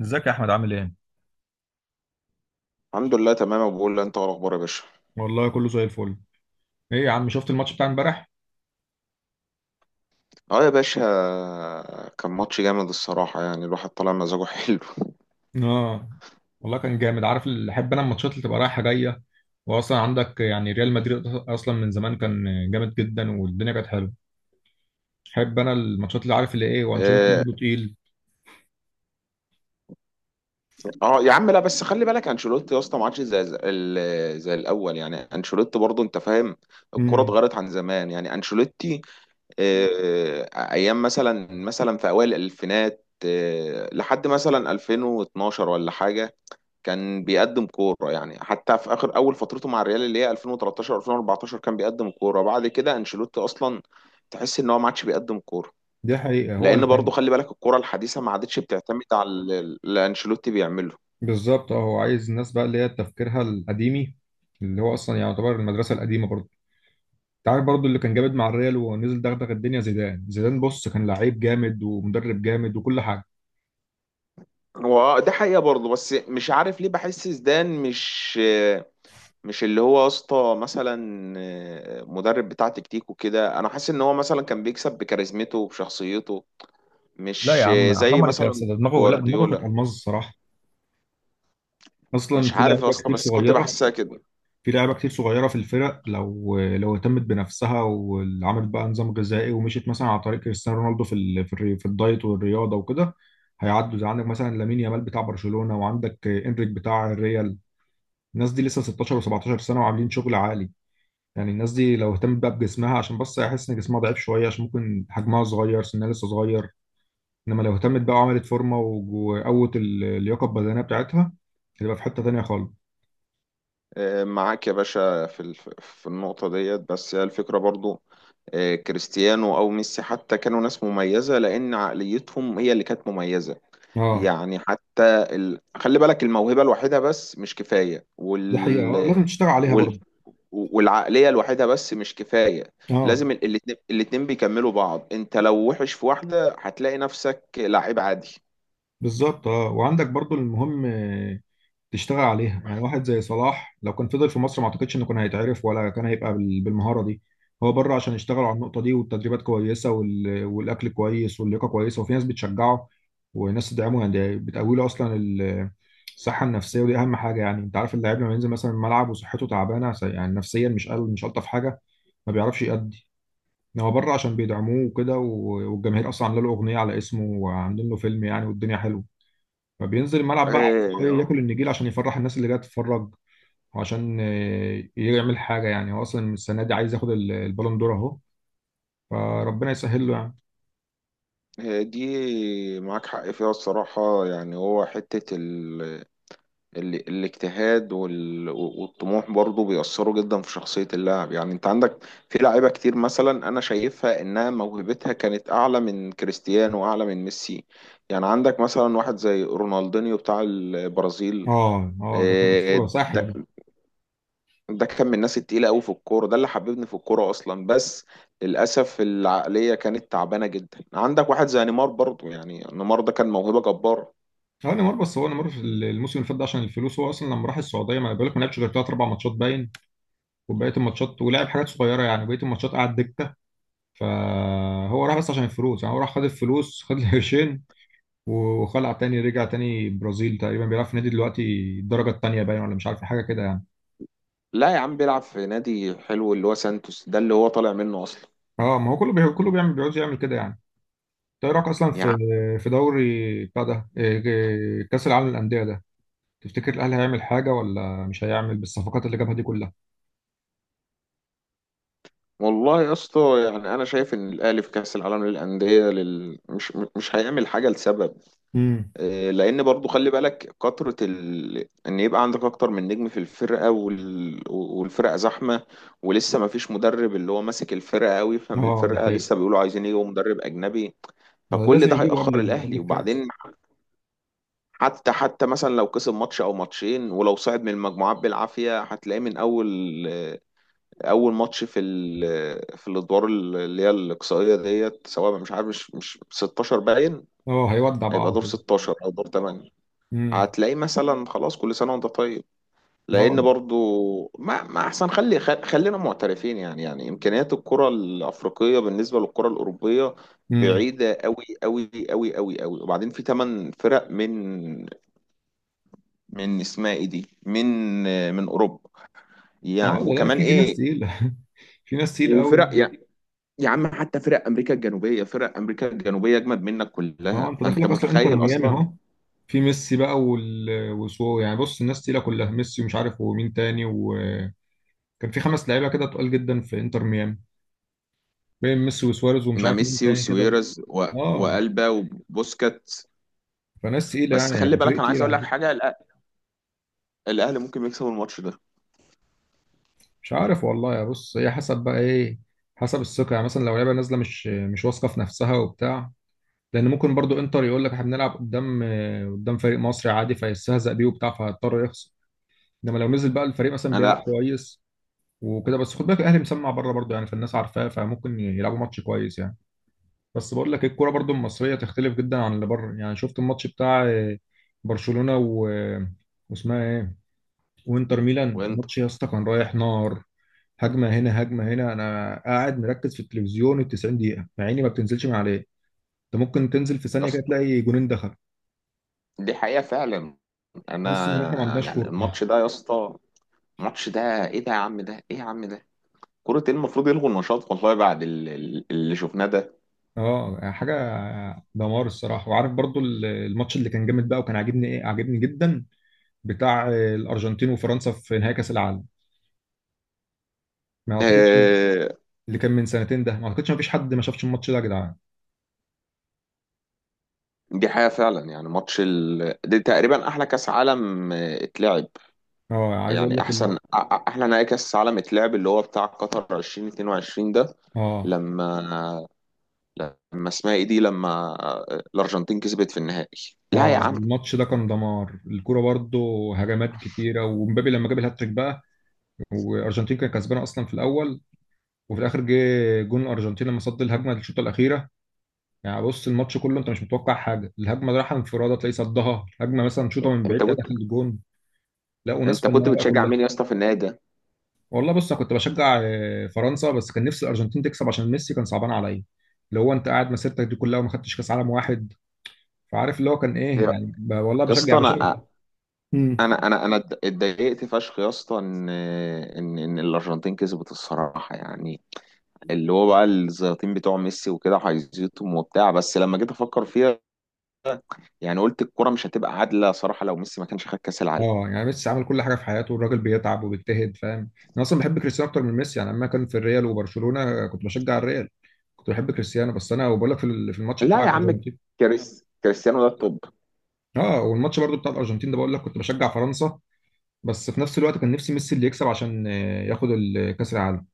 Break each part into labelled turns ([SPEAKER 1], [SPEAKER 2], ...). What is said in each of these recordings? [SPEAKER 1] ازيك يا احمد عامل ايه؟
[SPEAKER 2] الحمد لله تمام أبو بقول انت إيه الاخبار يا باشا.
[SPEAKER 1] والله كله زي الفل. ايه يا عم، شفت الماتش بتاع امبارح؟
[SPEAKER 2] اه يا باشا، كان ماتش جامد الصراحه، يعني الواحد طالع مزاجه حلو.
[SPEAKER 1] اه والله كان جامد. عارف اللي احب انا؟ الماتشات اللي تبقى رايحه جايه، واصلا عندك يعني ريال مدريد اصلا من زمان كان جامد جدا والدنيا كانت حلوه. احب انا الماتشات اللي عارف اللي ايه، وانشيلوتي
[SPEAKER 2] اه.
[SPEAKER 1] برضه تقيل.
[SPEAKER 2] يا عم لا بس خلي بالك انشيلوتي يا اسطى ما عادش زي الاول، يعني انشيلوتي برضه انت فاهم. الكوره
[SPEAKER 1] امم،
[SPEAKER 2] اتغيرت عن زمان يعني انشيلوتي. اه ايام مثلا في اوائل الالفينات، لحد مثلا 2012 ولا حاجه، كان بيقدم كورة. يعني حتى في آخر أول فترته مع الريال اللي هي 2013 2014 كان بيقدم كورة. بعد كده أنشيلوتي أصلا تحس إن هو ما عادش بيقدم كورة،
[SPEAKER 1] دي حقيقه، هو اللي
[SPEAKER 2] لأن برضه
[SPEAKER 1] كان.
[SPEAKER 2] خلي بالك الكورة الحديثة ما عادتش بتعتمد على اللي أنشيلوتي بيعمله.
[SPEAKER 1] بالظبط اه، هو عايز الناس بقى اللي هي تفكيرها القديمي، اللي هو اصلا يعتبر المدرسه القديمه برضه. انت عارف برضه اللي كان جامد مع الريال ونزل دغدغ الدنيا؟ زيدان. زيدان بص كان لعيب جامد ومدرب جامد وكل حاجه.
[SPEAKER 2] هو ده حقيقة برضه، بس مش عارف ليه بحس زيدان مش اللي هو يا اسطى مثلا مدرب بتاع تكتيك وكده. أنا حاسس إن هو مثلا كان بيكسب بكاريزمته وبشخصيته،
[SPEAKER 1] لا يا
[SPEAKER 2] مش
[SPEAKER 1] عم
[SPEAKER 2] زي
[SPEAKER 1] حرام عليك يا
[SPEAKER 2] مثلا
[SPEAKER 1] استاذ، ده دماغه، لا دماغه كانت
[SPEAKER 2] جوارديولا.
[SPEAKER 1] الماظ الصراحه. اصلا
[SPEAKER 2] مش
[SPEAKER 1] في
[SPEAKER 2] عارف يا
[SPEAKER 1] لعيبه
[SPEAKER 2] اسطى
[SPEAKER 1] كتير
[SPEAKER 2] بس كنت
[SPEAKER 1] صغيره.
[SPEAKER 2] بحسها كده.
[SPEAKER 1] في لعيبه كتير صغيره في الفرق، لو اهتمت بنفسها وعملت بقى نظام غذائي، ومشيت مثلا على طريق كريستيانو رونالدو في ال... في, الري... في الدايت والرياضه وكده، هيعدوا. زي عندك مثلا لامين يامال بتاع برشلونه، وعندك انريك بتاع الريال، الناس دي لسه 16 و17 سنه وعاملين شغل عالي. يعني الناس دي لو اهتمت بقى بجسمها، عشان بس هيحس ان جسمها ضعيف شويه، عشان ممكن حجمها صغير سنها لسه صغير. انما لو اهتمت بقى وعملت فورمه اللياقه البدنيه بتاعتها، هتبقى في حته تانيه خالص.
[SPEAKER 2] معاك يا باشا في في النقطة ديت، بس هي الفكرة برضو كريستيانو أو ميسي حتى كانوا ناس مميزة لأن عقليتهم هي اللي كانت مميزة.
[SPEAKER 1] اه
[SPEAKER 2] يعني حتى خلي بالك الموهبة الوحيدة بس مش كفاية،
[SPEAKER 1] دي حقيقه، اه لازم تشتغل عليها
[SPEAKER 2] وال...
[SPEAKER 1] برضه.
[SPEAKER 2] والعقلية الوحيدة بس مش كفاية.
[SPEAKER 1] اه
[SPEAKER 2] لازم الاتنين بيكملوا بعض. انت لو وحش في واحدة هتلاقي نفسك لعيب عادي.
[SPEAKER 1] بالظبط. اه وعندك برضه المهم تشتغل عليها. يعني واحد زي صلاح، لو كان فضل في مصر ما اعتقدش انه كان هيتعرف، ولا كان هيبقى بالمهارة دي. هو بره، عشان يشتغلوا على النقطة دي، والتدريبات كويسة والأكل كويس، واللياقة كويسة، وفي ناس بتشجعه وناس تدعمه، يعني بتقوي له أصلا الصحة النفسية، ودي أهم حاجة. يعني أنت عارف اللاعب لما ينزل مثلا الملعب وصحته تعبانة، يعني نفسيا، مش ألطف حاجة، ما بيعرفش يأدي. إنما هو بره، عشان بيدعموه وكده والجماهير أصلا عاملة له أغنية على اسمه، وعاملين له فيلم، يعني والدنيا حلوة، فبينزل الملعب بقى عايز إيه؟
[SPEAKER 2] آه،
[SPEAKER 1] ياكل النجيل عشان يفرح الناس اللي جايه تتفرج، وعشان يعمل حاجه. يعني هو اصلا السنه دي عايز ياخد البالون دور اهو، فربنا يسهل له يعني.
[SPEAKER 2] هي دي معاك حق فيها الصراحة، يعني هو حتة الاجتهاد والطموح برضو بيأثروا جدا في شخصية اللاعب. يعني انت عندك في لعيبة كتير مثلا انا شايفها انها موهبتها كانت اعلى من كريستيانو واعلى من ميسي. يعني عندك مثلا واحد زي رونالدينيو بتاع البرازيل.
[SPEAKER 1] اه اه، ده كان
[SPEAKER 2] آه،
[SPEAKER 1] اسطوره، ساحر
[SPEAKER 2] ده
[SPEAKER 1] ده.
[SPEAKER 2] ده كان من الناس التقيلة قوي في الكورة، ده اللي حببني في الكورة أصلا. بس للأسف العقلية كانت تعبانة جدا. عندك واحد زي نيمار برضو، يعني نيمار ده كان موهبة جبارة.
[SPEAKER 1] هو نيمار، بس هو نيمار في الموسم اللي فات ده عشان الفلوس. هو اصلا لما راح السعوديه، ما أنا بقول لك، ما لعبش غير ثلاث اربع ماتشات باين، وبقيه الماتشات ولعب حاجات صغيره، يعني بقيه الماتشات قعد دكه. فهو راح بس عشان الفلوس، يعني هو راح خد الفلوس، خد القرشين، وخلع تاني، رجع تاني برازيل، تقريبا بيلعب في نادي دلوقتي الدرجه الثانيه باين، ولا مش عارف حاجه كده يعني.
[SPEAKER 2] لا يا عم، بيلعب في نادي حلو اللي هو سانتوس ده اللي هو طالع منه أصلا.
[SPEAKER 1] اه، ما هو كله كله بيعمل، بيقعد يعمل كده يعني. انت ايه رايك اصلا
[SPEAKER 2] يا
[SPEAKER 1] في
[SPEAKER 2] عم
[SPEAKER 1] في دوري بتاع ده إيه- إيه، كاس العالم للانديه ده؟ تفتكر الاهلي هيعمل حاجه، ولا مش هيعمل، بالصفقات اللي جابها دي كلها؟
[SPEAKER 2] والله يا اسطى، يعني أنا شايف إن الأهلي في كأس العالم للأندية مش هيعمل حاجة لسبب.
[SPEAKER 1] امم،
[SPEAKER 2] لان برضو خلي بالك كترة ان يبقى عندك اكتر من نجم في الفرقة، والفرقة زحمة. ولسه ما فيش مدرب اللي هو ماسك الفرقة قوي فاهم
[SPEAKER 1] اه ده
[SPEAKER 2] الفرقة.
[SPEAKER 1] حقيقي.
[SPEAKER 2] لسه بيقولوا عايزين يجيبوا مدرب اجنبي.
[SPEAKER 1] ما
[SPEAKER 2] فكل
[SPEAKER 1] لازم
[SPEAKER 2] ده
[SPEAKER 1] يجيبه
[SPEAKER 2] هيأخر
[SPEAKER 1] قبل
[SPEAKER 2] الاهلي.
[SPEAKER 1] الكاس.
[SPEAKER 2] وبعدين حتى مثلا لو كسب ماتش او ماتشين، ولو صعد من المجموعات بالعافية، هتلاقيه من اول اول ماتش في ال... آه، في الادوار اللي هي الاقصائية ديت، سواء مش عارف مش 16 باين،
[SPEAKER 1] اه هيودع بقى
[SPEAKER 2] هيبقى
[SPEAKER 1] على
[SPEAKER 2] دور
[SPEAKER 1] طول.
[SPEAKER 2] 16 او دور 8.
[SPEAKER 1] امم.
[SPEAKER 2] هتلاقيه مثلا خلاص، كل سنه وانت طيب، لان
[SPEAKER 1] اه.
[SPEAKER 2] برضو ما احسن خلينا معترفين، يعني يعني امكانيات الكره الافريقيه بالنسبه للكره الاوروبيه
[SPEAKER 1] امم.
[SPEAKER 2] بعيده قوي قوي قوي قوي قوي. وبعدين في 8 فرق من اسمها ايه دي، من اوروبا.
[SPEAKER 1] اه
[SPEAKER 2] يعني
[SPEAKER 1] ده لا،
[SPEAKER 2] وكمان
[SPEAKER 1] في في ناس
[SPEAKER 2] ايه
[SPEAKER 1] تقيله. في ناس تقيله قوي
[SPEAKER 2] وفرق،
[SPEAKER 1] يعني.
[SPEAKER 2] يعني يا عم حتى فرق امريكا الجنوبيه، فرق امريكا الجنوبيه اجمد منك
[SPEAKER 1] اه
[SPEAKER 2] كلها
[SPEAKER 1] انت
[SPEAKER 2] فانت
[SPEAKER 1] داخلك اصلا انتر
[SPEAKER 2] متخيل
[SPEAKER 1] ميامي
[SPEAKER 2] اصلا.
[SPEAKER 1] اهو، في ميسي بقى وسو، يعني بص الناس تقيله كلها، ميسي ومش عارف ومين تاني، وكان في خمس لعيبه كده تقال جدا في انتر ميامي، بين ميسي وسواريز ومش
[SPEAKER 2] ما
[SPEAKER 1] عارف مين
[SPEAKER 2] ميسي
[SPEAKER 1] تاني كده.
[SPEAKER 2] وسويرز
[SPEAKER 1] اه
[SPEAKER 2] والبا وبوسكات.
[SPEAKER 1] فناس تقيله،
[SPEAKER 2] بس
[SPEAKER 1] يعني
[SPEAKER 2] خلي
[SPEAKER 1] هيبقى
[SPEAKER 2] بالك
[SPEAKER 1] فريق
[SPEAKER 2] انا عايز
[SPEAKER 1] تقيل
[SPEAKER 2] اقول
[SPEAKER 1] على
[SPEAKER 2] لك
[SPEAKER 1] فكره.
[SPEAKER 2] حاجه، الاهلي ممكن يكسب الماتش ده.
[SPEAKER 1] مش عارف والله. يا بص هي حسب بقى ايه؟ حسب الثقه. يعني مثلا لو لعبه نازله مش واثقه في نفسها وبتاع، لان ممكن برضو انتر يقول لك احنا بنلعب قدام، قدام فريق مصري عادي، فيستهزأ بيه وبتاع، فهيضطر يخسر. انما لو نزل بقى الفريق مثلا بيلعب
[SPEAKER 2] انا
[SPEAKER 1] كويس وكده. بس خد بالك الاهلي مسمع بره برضو يعني، فالناس عارفاه، فممكن يلعبوا ماتش كويس يعني. بس بقول لك الكوره برضو المصريه تختلف جدا عن اللي بره. يعني شفت الماتش بتاع برشلونه و واسمها ايه، وانتر ميلان؟
[SPEAKER 2] وانت
[SPEAKER 1] ماتش يا اسطى كان رايح نار، هجمه هنا هجمه هنا، انا قاعد مركز في التلفزيون ال 90 دقيقه، مع اني ما بتنزلش من عليه. انت ممكن تنزل في
[SPEAKER 2] يا
[SPEAKER 1] ثانيه كده
[SPEAKER 2] اسطى،
[SPEAKER 1] تلاقي جونين دخل.
[SPEAKER 2] دي حقيقه فعلا.
[SPEAKER 1] تحس ان احنا ما
[SPEAKER 2] انا
[SPEAKER 1] عندناش
[SPEAKER 2] يعني
[SPEAKER 1] كوره.
[SPEAKER 2] الماتش ده يا اسطى، الماتش ده، ايه ده يا عم، ده ايه يا عم ده، كرة ايه؟ المفروض يلغوا النشاط والله بعد اللي شفناه ده.
[SPEAKER 1] اه حاجه دمار الصراحه. وعارف برضو الماتش اللي كان جامد بقى وكان عاجبني؟ ايه، عاجبني جدا، بتاع الارجنتين وفرنسا في نهائي كاس العالم. ما اعتقدش،
[SPEAKER 2] آه،
[SPEAKER 1] اللي كان من سنتين ده، ما اعتقدش ما فيش حد ما شافش الماتش ده يا جدعان.
[SPEAKER 2] دي حقيقة فعلا، يعني ماتش دي تقريبا احلى كاس عالم اتلعب.
[SPEAKER 1] اه عايز اقول
[SPEAKER 2] يعني
[SPEAKER 1] لك
[SPEAKER 2] احسن احلى نهائي كاس عالم اتلعب، اللي هو بتاع قطر 2022 ده،
[SPEAKER 1] اه
[SPEAKER 2] لما لما اسمها ايه دي لما الارجنتين كسبت في النهائي. لا يا
[SPEAKER 1] اه،
[SPEAKER 2] عم.
[SPEAKER 1] الماتش ده كان دمار الكوره برضه. هجمات كتيره، ومبابي لما جاب الهاتريك بقى. والارجنتين كانت كسبانه اصلا في الاول، وفي الاخر جه جون الارجنتين لما صد الهجمه الشوطه الاخيره. يعني بص الماتش كله انت مش متوقع حاجه، الهجمه رايحه انفراده تلاقي صدها، هجمه مثلا شوطه من بعيد
[SPEAKER 2] انت
[SPEAKER 1] تلاقي
[SPEAKER 2] كنت
[SPEAKER 1] داخل الجون. لا وناس
[SPEAKER 2] انت كنت
[SPEAKER 1] فنانه بقى
[SPEAKER 2] بتشجع
[SPEAKER 1] كلها.
[SPEAKER 2] مين يا اسطى في النهائي ده؟
[SPEAKER 1] والله بص انا كنت بشجع فرنسا، بس كان نفسي الارجنتين تكسب عشان ميسي كان صعبان عليا. اللي هو انت قاعد مسيرتك دي كلها وما خدتش كاس عالم واحد. فعارف اللي هو كان
[SPEAKER 2] يا
[SPEAKER 1] ايه يعني، والله
[SPEAKER 2] يا
[SPEAKER 1] بشجع
[SPEAKER 2] اسطى،
[SPEAKER 1] بشجع. مم.
[SPEAKER 2] انا اتضايقت فشخ يا اسطى ان الارجنتين كسبت الصراحه، يعني اللي هو بقى الزياطين بتوع ميسي وكده هيزيطهم وبتاع، بس لما جيت افكر فيها يعني قلت الكرة مش هتبقى عادلة صراحة لو ميسي ما كانش خد كأس العالم.
[SPEAKER 1] اه يعني ميسي عمل كل حاجه في حياته، الراجل بيتعب وبيجتهد فاهم. انا اصلا بحب كريستيانو اكتر من ميسي. يعني لما كان في الريال وبرشلونه كنت بشجع الريال، كنت بحب كريستيانو. بس انا وبقول لك في الماتش بتاع
[SPEAKER 2] لا يا عم،
[SPEAKER 1] الارجنتين،
[SPEAKER 2] كريستيانو ده الطب.
[SPEAKER 1] اه والماتش برضو بتاع الارجنتين ده، بقول لك كنت بشجع فرنسا، بس في نفس الوقت كان نفسي ميسي اللي يكسب عشان ياخد كاس العالم.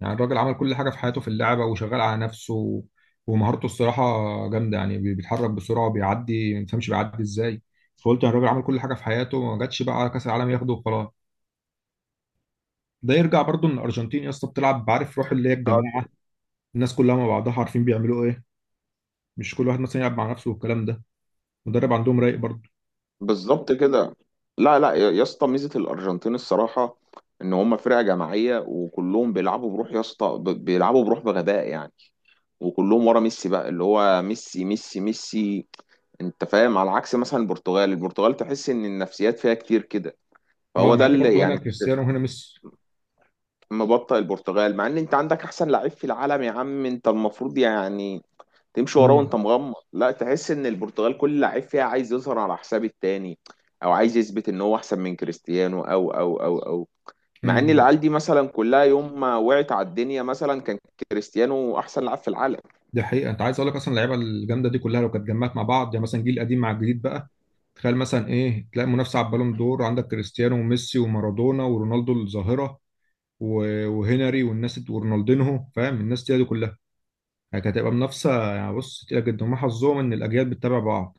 [SPEAKER 1] يعني الراجل عمل كل حاجه في حياته في اللعبه، وشغال على نفسه ومهارته الصراحه جامده. يعني بيتحرك بسرعه وبيعدي ما تفهمش بيعدي ازاي. فقلت يعني الراجل عمل كل حاجه في حياته، ما جاتش بقى على كاس العالم ياخده وخلاص. ده يرجع برضو ان الارجنتين يا اسطى بتلعب، عارف روح اللي هي الجماعه، الناس كلها مع بعضها عارفين بيعملوا ايه، مش كل واحد مثلا يلعب مع نفسه والكلام ده. مدرب عندهم رايق برضو.
[SPEAKER 2] بالظبط كده. لا يا يا اسطى، ميزه الارجنتين الصراحه ان هم فرقه جماعيه وكلهم بيلعبوا بروح يا اسطى، بيلعبوا بروح بغباء يعني. وكلهم ورا ميسي بقى، اللي هو ميسي ميسي ميسي. انت فاهم؟ على عكس مثلا البرتغال، البرتغال تحس ان النفسيات فيها كتير كده.
[SPEAKER 1] اه
[SPEAKER 2] فهو
[SPEAKER 1] مع
[SPEAKER 2] ده
[SPEAKER 1] ان
[SPEAKER 2] اللي
[SPEAKER 1] برضو هنا
[SPEAKER 2] يعني
[SPEAKER 1] كريستيانو وهنا ميسي.
[SPEAKER 2] مبطئ البرتغال، مع ان انت عندك احسن لعيب في العالم يا عم، انت المفروض يعني تمشي وراه
[SPEAKER 1] امم.
[SPEAKER 2] وانت مغمض. لا تحس ان البرتغال كل لعيب فيها عايز يظهر على حساب التاني، او عايز يثبت ان هو احسن من كريستيانو او مع ان
[SPEAKER 1] امم. ده
[SPEAKER 2] العيال دي مثلا كلها يوم ما وقعت على الدنيا مثلا كان كريستيانو احسن لاعب في العالم.
[SPEAKER 1] ده حقيقه. انت عايز اقول لك اصلا، اللعيبه الجامده دي كلها لو كانت اتجمعت مع بعض، يعني مثلا جيل قديم مع الجديد بقى، تخيل مثلا ايه. تلاقي منافسه على البالون دور، عندك كريستيانو وميسي ومارادونا ورونالدو الظاهره وهنري ورونالدينهو، فاهم؟ الناس دي دي كلها، يعني كانت هتبقى منافسه يعني بص تقيله جدا. وما حظهم ان الاجيال بتتابع بعض.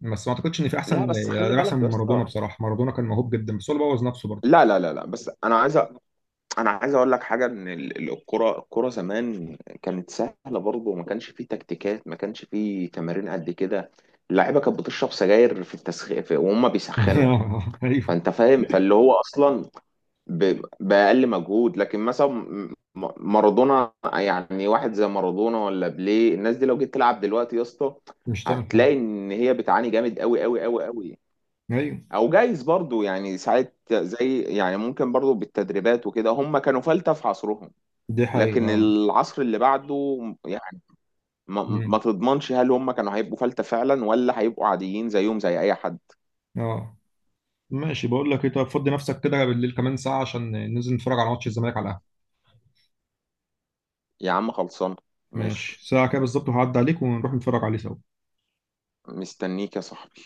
[SPEAKER 1] بس ما اعتقدش ان في
[SPEAKER 2] لا
[SPEAKER 1] احسن،
[SPEAKER 2] بس
[SPEAKER 1] يعني
[SPEAKER 2] خلي
[SPEAKER 1] ده
[SPEAKER 2] بالك
[SPEAKER 1] احسن من
[SPEAKER 2] يا
[SPEAKER 1] مارادونا
[SPEAKER 2] اسطى،
[SPEAKER 1] بصراحه. مارادونا كان موهوب جدا، بس هو اللي بوظ نفسه برضه.
[SPEAKER 2] لا بس انا عايز اقول لك حاجه، ان الكره، زمان كانت سهله برضه، وما كانش فيه تكتيكات، ما كانش فيه تمارين قد كده. اللعيبه كانت بتشرب سجاير في التسخين وهم بيسخنوا.
[SPEAKER 1] ايوه.
[SPEAKER 2] فانت فاهم، فاللي هو اصلا بأقل مجهود. لكن مثلا مارادونا، يعني واحد زي مارادونا ولا بيليه، الناس دي لو جيت تلعب دلوقتي يا اسطى
[SPEAKER 1] مش تعمل
[SPEAKER 2] هتلاقي
[SPEAKER 1] حاجه.
[SPEAKER 2] ان هي بتعاني جامد قوي قوي قوي قوي.
[SPEAKER 1] ايوه
[SPEAKER 2] او جايز برضو يعني ساعات زي يعني، ممكن برضو بالتدريبات وكده هم كانوا فلتة في عصرهم،
[SPEAKER 1] دي حقيقه
[SPEAKER 2] لكن
[SPEAKER 1] اه.
[SPEAKER 2] العصر اللي بعده يعني ما
[SPEAKER 1] مم.
[SPEAKER 2] تضمنش هل هم كانوا هيبقوا فلتة فعلا ولا هيبقوا عاديين زيهم زي اي حد.
[SPEAKER 1] اه ماشي. بقول لك ايه، طب فضي نفسك كده بالليل كمان ساعه، عشان ننزل نتفرج على ماتش الزمالك على القهوه.
[SPEAKER 2] يا عم خلصان، ماشي،
[SPEAKER 1] ماشي ساعه كده بالظبط هعدي عليك ونروح نتفرج عليه سوا.
[SPEAKER 2] مستنيك يا صاحبي.